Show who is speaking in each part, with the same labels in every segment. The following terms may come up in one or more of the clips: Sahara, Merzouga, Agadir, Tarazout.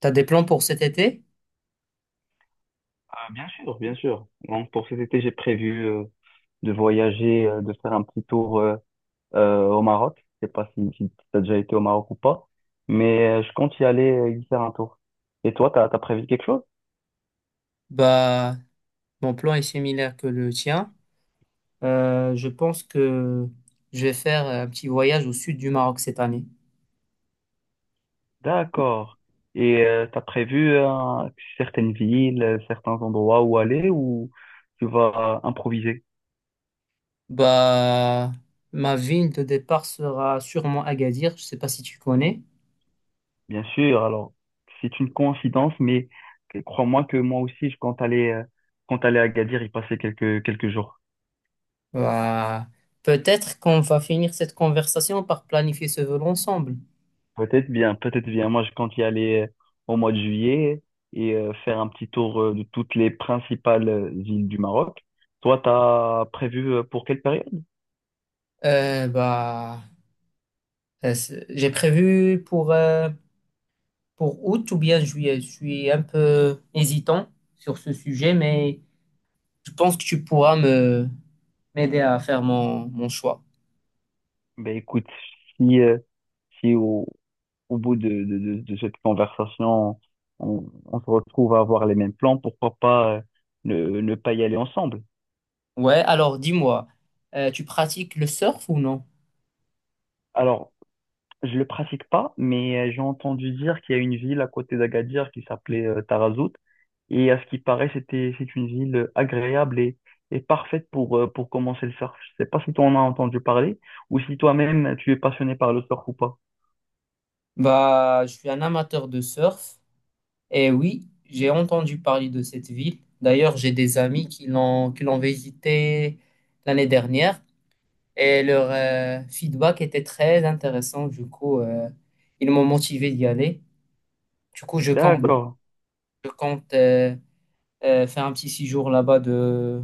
Speaker 1: T'as des plans pour cet été?
Speaker 2: Ah, bien sûr, bien sûr. Donc, pour cet été, j'ai prévu de voyager, de faire un petit tour au Maroc. Je sais pas si tu as déjà été au Maroc ou pas, mais je compte y aller y faire un tour. Et toi, t'as prévu quelque chose?
Speaker 1: Bah, mon plan est similaire que le tien. Je pense que je vais faire un petit voyage au sud du Maroc cette année.
Speaker 2: D'accord. Et tu as prévu certaines villes, certains endroits où aller ou tu vas improviser?
Speaker 1: Bah, ma ville de départ sera sûrement Agadir. Je sais pas si tu connais.
Speaker 2: Bien sûr, alors c'est une coïncidence, mais crois-moi que moi aussi, je compte aller à Agadir y passer quelques jours.
Speaker 1: Bah, peut-être qu'on va finir cette conversation par planifier ce vol ensemble.
Speaker 2: Peut-être bien, peut-être bien. Moi, je compte y aller au mois de juillet et faire un petit tour de toutes les principales villes du Maroc. Toi, t'as prévu pour quelle période?
Speaker 1: Euh, bah, j'ai prévu pour août ou bien juillet. Je suis un peu hésitant sur ce sujet, mais je pense que tu pourras me m'aider à faire mon choix.
Speaker 2: Ben écoute, si, euh, si au bout de cette conversation, on se retrouve à avoir les mêmes plans, pourquoi pas ne pas y aller ensemble?
Speaker 1: Ouais, alors dis-moi, tu pratiques le surf ou non?
Speaker 2: Alors, je le pratique pas, mais j'ai entendu dire qu'il y a une ville à côté d'Agadir qui s'appelait Tarazout. Et à ce qui paraît, c'est une ville agréable et parfaite pour commencer le surf. Je sais pas si tu en as entendu parler ou si toi-même tu es passionné par le surf ou pas.
Speaker 1: Bah, je suis un amateur de surf et oui, j'ai entendu parler de cette ville. D'ailleurs, j'ai des amis qui l'ont visité l'année dernière et leur feedback était très intéressant. Du coup, ils m'ont motivé d'y aller. Du coup, je compte,
Speaker 2: D'accord,
Speaker 1: je compte faire un petit séjour là-bas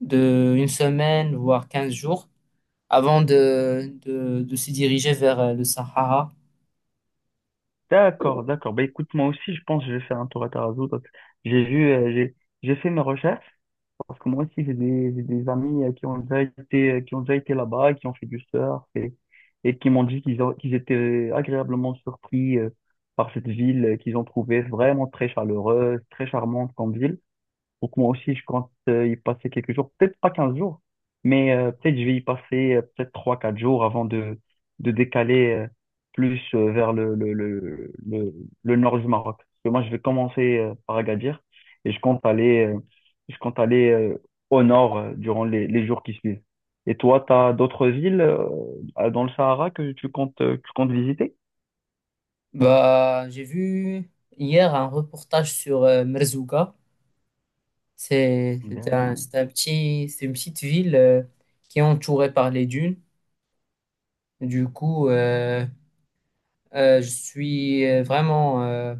Speaker 1: de une semaine, voire 15 jours, avant de se diriger vers le Sahara.
Speaker 2: d'accord, d'accord. Bah écoute, moi aussi, je pense que je vais faire un tour à Tarazout. J'ai vu, euh, j'ai, j'ai fait mes recherches. Parce que moi aussi, j'ai des amis qui ont déjà été, qui ont déjà été là-bas, qui ont fait du surf et qui m'ont dit qu'ils étaient agréablement surpris par cette ville, qu'ils ont trouvé vraiment très chaleureuse, très charmante comme ville. Donc moi aussi, je compte y passer quelques jours, peut-être pas 15 jours, mais peut-être je vais y passer peut-être trois quatre jours avant de décaler plus vers le nord du Maroc. Parce que moi, je vais commencer par Agadir et je compte aller, je compte aller euh, au nord durant les jours qui suivent. Et toi, tu as d'autres villes dans le Sahara que tu comptes visiter?
Speaker 1: Bah, j'ai vu hier un reportage sur Merzouga. C'est, c'est un,
Speaker 2: D'accord.
Speaker 1: c'est un petit, c'est une petite ville qui est entourée par les dunes. Du coup, euh, je suis vraiment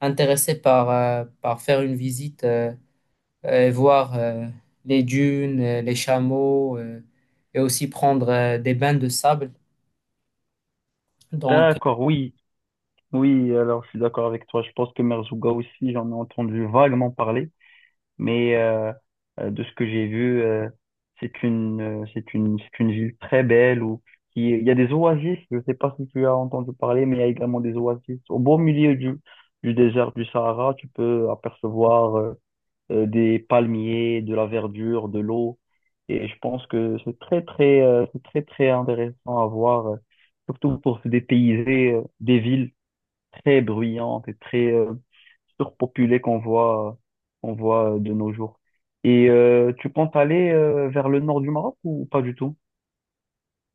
Speaker 1: intéressé par, par faire une visite, et voir les dunes, les chameaux, et aussi prendre des bains de sable. Donc,
Speaker 2: D'accord, oui. Oui, alors je suis d'accord avec toi. Je pense que Merzouga aussi, j'en ai entendu vaguement parler, mais de ce que j'ai vu, c'est une ville très belle où il y a des oasis. Je ne sais pas si tu as entendu parler, mais il y a également des oasis au beau milieu du désert du Sahara. Tu peux apercevoir des palmiers, de la verdure, de l'eau, et je pense que c'est très, très intéressant à voir, surtout pour se dépayser des villes très bruyante et très surpopulée qu'on voit de nos jours. Et tu comptes aller vers le nord du Maroc ou pas du tout?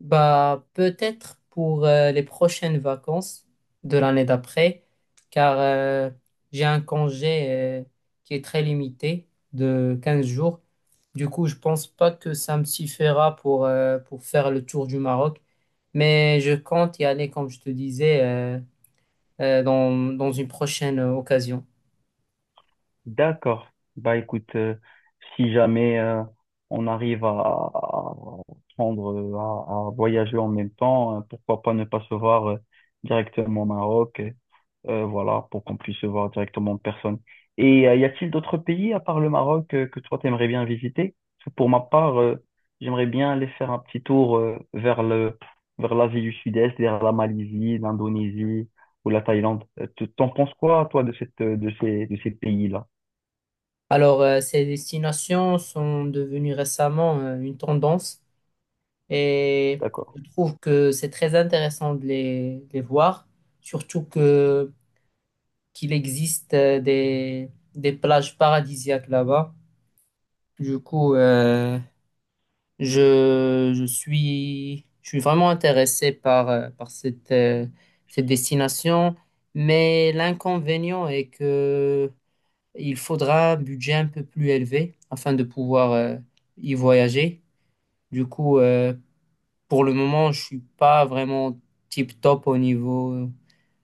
Speaker 1: bah, peut-être pour les prochaines vacances de l'année d'après, car j'ai un congé euh, qui est très limité de 15 jours. Du coup, je pense pas que ça me suffira pour faire le tour du Maroc, mais je compte y aller, comme je te disais, dans une prochaine occasion.
Speaker 2: D'accord. Bah écoute, si jamais on arrive à prendre, à voyager en même temps, pourquoi pas ne pas se voir directement au Maroc. Voilà, pour qu'on puisse se voir directement en personne. Et y a-t-il d'autres pays à part le Maroc que toi t'aimerais bien visiter? Parce que pour ma part, j'aimerais bien aller faire un petit tour vers le vers l'Asie du Sud-Est, vers la Malaisie, l'Indonésie ou la Thaïlande. T'en penses quoi, toi, de cette de ces pays-là?
Speaker 1: Alors, ces destinations sont devenues récemment une tendance.
Speaker 2: Je suis
Speaker 1: Et
Speaker 2: d'accord.
Speaker 1: je trouve que c'est très intéressant de les voir, surtout que qu'il existe des plages paradisiaques là-bas. Du coup, je suis vraiment intéressé par, par cette destination, mais l'inconvénient est que il faudra un budget un peu plus élevé afin de pouvoir y voyager. Du coup, euh, Pour le moment, je suis pas vraiment tip top au niveau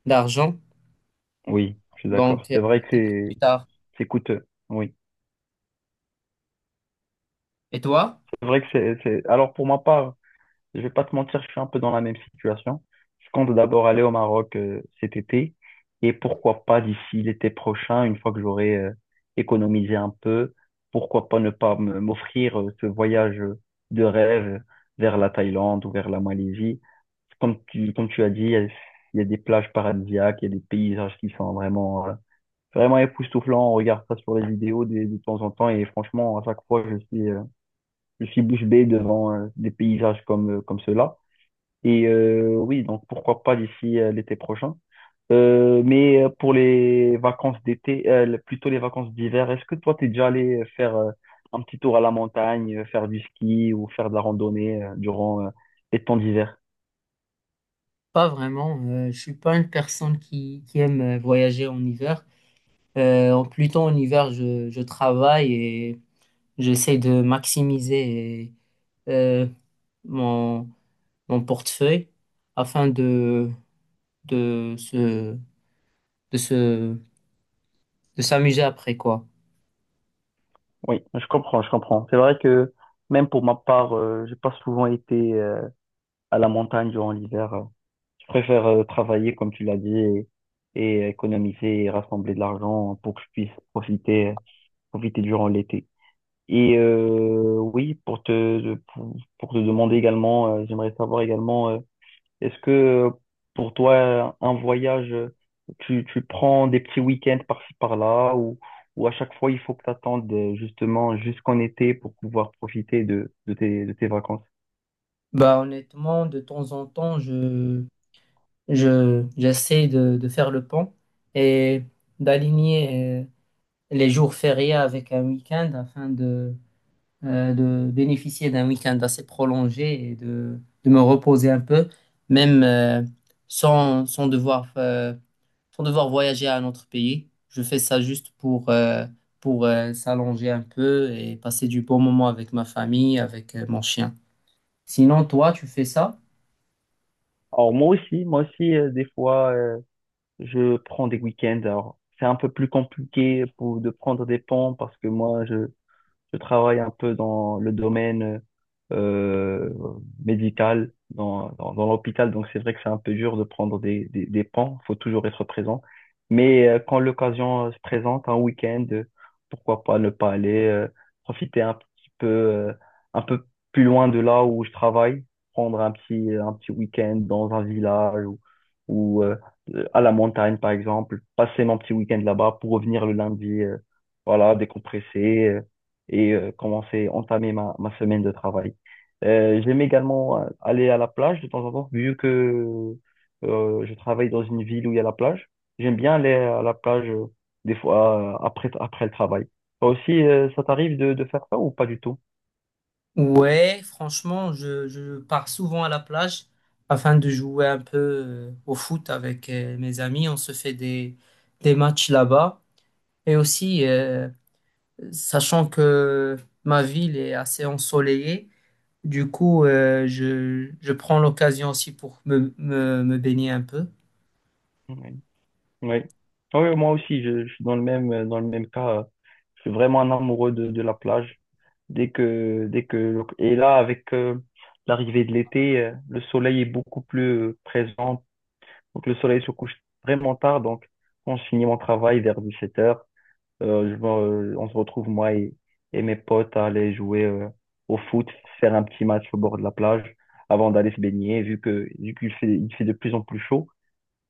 Speaker 1: d'argent,
Speaker 2: Oui, je suis d'accord.
Speaker 1: donc
Speaker 2: C'est vrai que
Speaker 1: peut-être plus tard.
Speaker 2: c'est coûteux. Oui,
Speaker 1: Et toi?
Speaker 2: c'est vrai que c'est. Alors pour ma part. Je vais pas te mentir, je suis un peu dans la même situation. Je compte d'abord aller au Maroc cet été et pourquoi pas d'ici l'été prochain, une fois que j'aurai économisé un peu, pourquoi pas ne pas me- m'offrir ce voyage de rêve vers la Thaïlande ou vers la Malaisie. Comme tu as dit, il y a des plages paradisiaques, il y a des paysages qui sont vraiment, vraiment époustouflants. On regarde ça sur les vidéos de temps en temps et franchement, à chaque fois, je suis bouche bée devant des paysages comme ceux-là. Et oui, donc pourquoi pas d'ici l'été prochain. Pour les vacances d'été, plutôt les vacances d'hiver, est-ce que toi, t'es déjà allé faire un petit tour à la montagne, faire du ski ou faire de la randonnée durant les temps d'hiver?
Speaker 1: Pas vraiment. Je suis pas une personne qui aime voyager en hiver. En Plutôt en hiver, je travaille et j'essaie de maximiser euh, mon, mon portefeuille afin de se de se de s'amuser après quoi.
Speaker 2: Oui, je comprends, je comprends. C'est vrai que même pour ma part, j'ai pas souvent été à la montagne durant l'hiver. Je préfère travailler, comme tu l'as dit, et économiser et rassembler de l'argent pour que je puisse profiter, profiter durant l'été. Et oui, pour te demander également, j'aimerais savoir également, est-ce que pour toi, un voyage, tu prends des petits week-ends par-ci par-là ou à chaque fois, il faut que tu attendes justement jusqu'en été pour pouvoir profiter de tes vacances?
Speaker 1: Bah honnêtement, de temps en temps, j'essaie de faire le pont et d'aligner les jours fériés avec un week-end afin de bénéficier d'un week-end assez prolongé et de me reposer un peu, même sans sans devoir voyager à un autre pays. Je fais ça juste pour s'allonger un peu et passer du bon moment avec ma famille, avec mon chien. Sinon, toi, tu fais ça?
Speaker 2: Alors moi aussi, des fois, je prends des week-ends. Alors c'est un peu plus compliqué de prendre des ponts parce que je travaille un peu dans le domaine euh, médical, dans l'hôpital, donc c'est vrai que c'est un peu dur de prendre des pans, faut toujours être présent. Mais quand l'occasion se présente, un week-end, pourquoi pas ne pas aller profiter un petit peu, un peu plus loin de là où je travaille, prendre un petit week-end dans un village ou, ou euh, à la montagne par exemple, passer mon petit week-end là-bas pour revenir le lundi, voilà, décompresser. Entamer ma semaine de travail. J'aime également aller à la plage de temps en temps, vu que je travaille dans une ville où il y a la plage. J'aime bien aller à la plage des fois après, après le travail. Toi aussi, ça t'arrive de faire ça ou pas du tout?
Speaker 1: Ouais, franchement, je pars souvent à la plage afin de jouer un peu au foot avec mes amis. On se fait des matchs là-bas. Et aussi, sachant que ma ville est assez ensoleillée, du coup, je prends l'occasion aussi pour me baigner un peu.
Speaker 2: Oui. Oui. Oui, moi aussi, je suis dans le même cas. Je suis vraiment un amoureux de la plage. Et là, avec l'arrivée de l'été, le soleil est beaucoup plus présent. Donc le soleil se couche vraiment tard. Donc quand je finis mon travail vers 17h, euh, je me- on se retrouve moi et mes potes à aller jouer au foot, faire un petit match au bord de la plage avant d'aller se baigner. Vu que vu qu'il fait il fait de plus en plus chaud,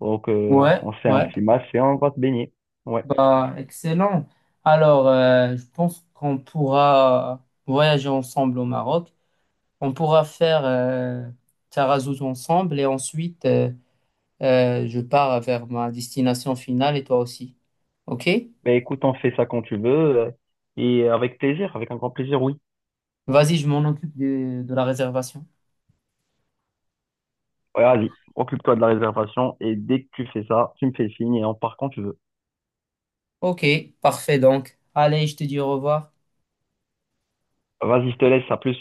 Speaker 2: donc
Speaker 1: Ouais,
Speaker 2: on fait un
Speaker 1: ouais.
Speaker 2: petit match et on va se baigner. Ouais.
Speaker 1: Bah, excellent. Alors, je pense qu'on pourra voyager ensemble au Maroc. On pourra faire Tarazout ensemble et ensuite je pars vers ma destination finale et toi aussi. Ok?
Speaker 2: Ben écoute, on fait ça quand tu veux euh, et avec plaisir, avec un grand plaisir, oui.
Speaker 1: Vas-y, je m'en occupe de la réservation.
Speaker 2: Ouais, vas-y, occupe-toi de la réservation et dès que tu fais ça, tu me fais signe et on part quand tu veux.
Speaker 1: Ok, parfait donc. Allez, je te dis au revoir.
Speaker 2: Vas-y, je te laisse, à plus.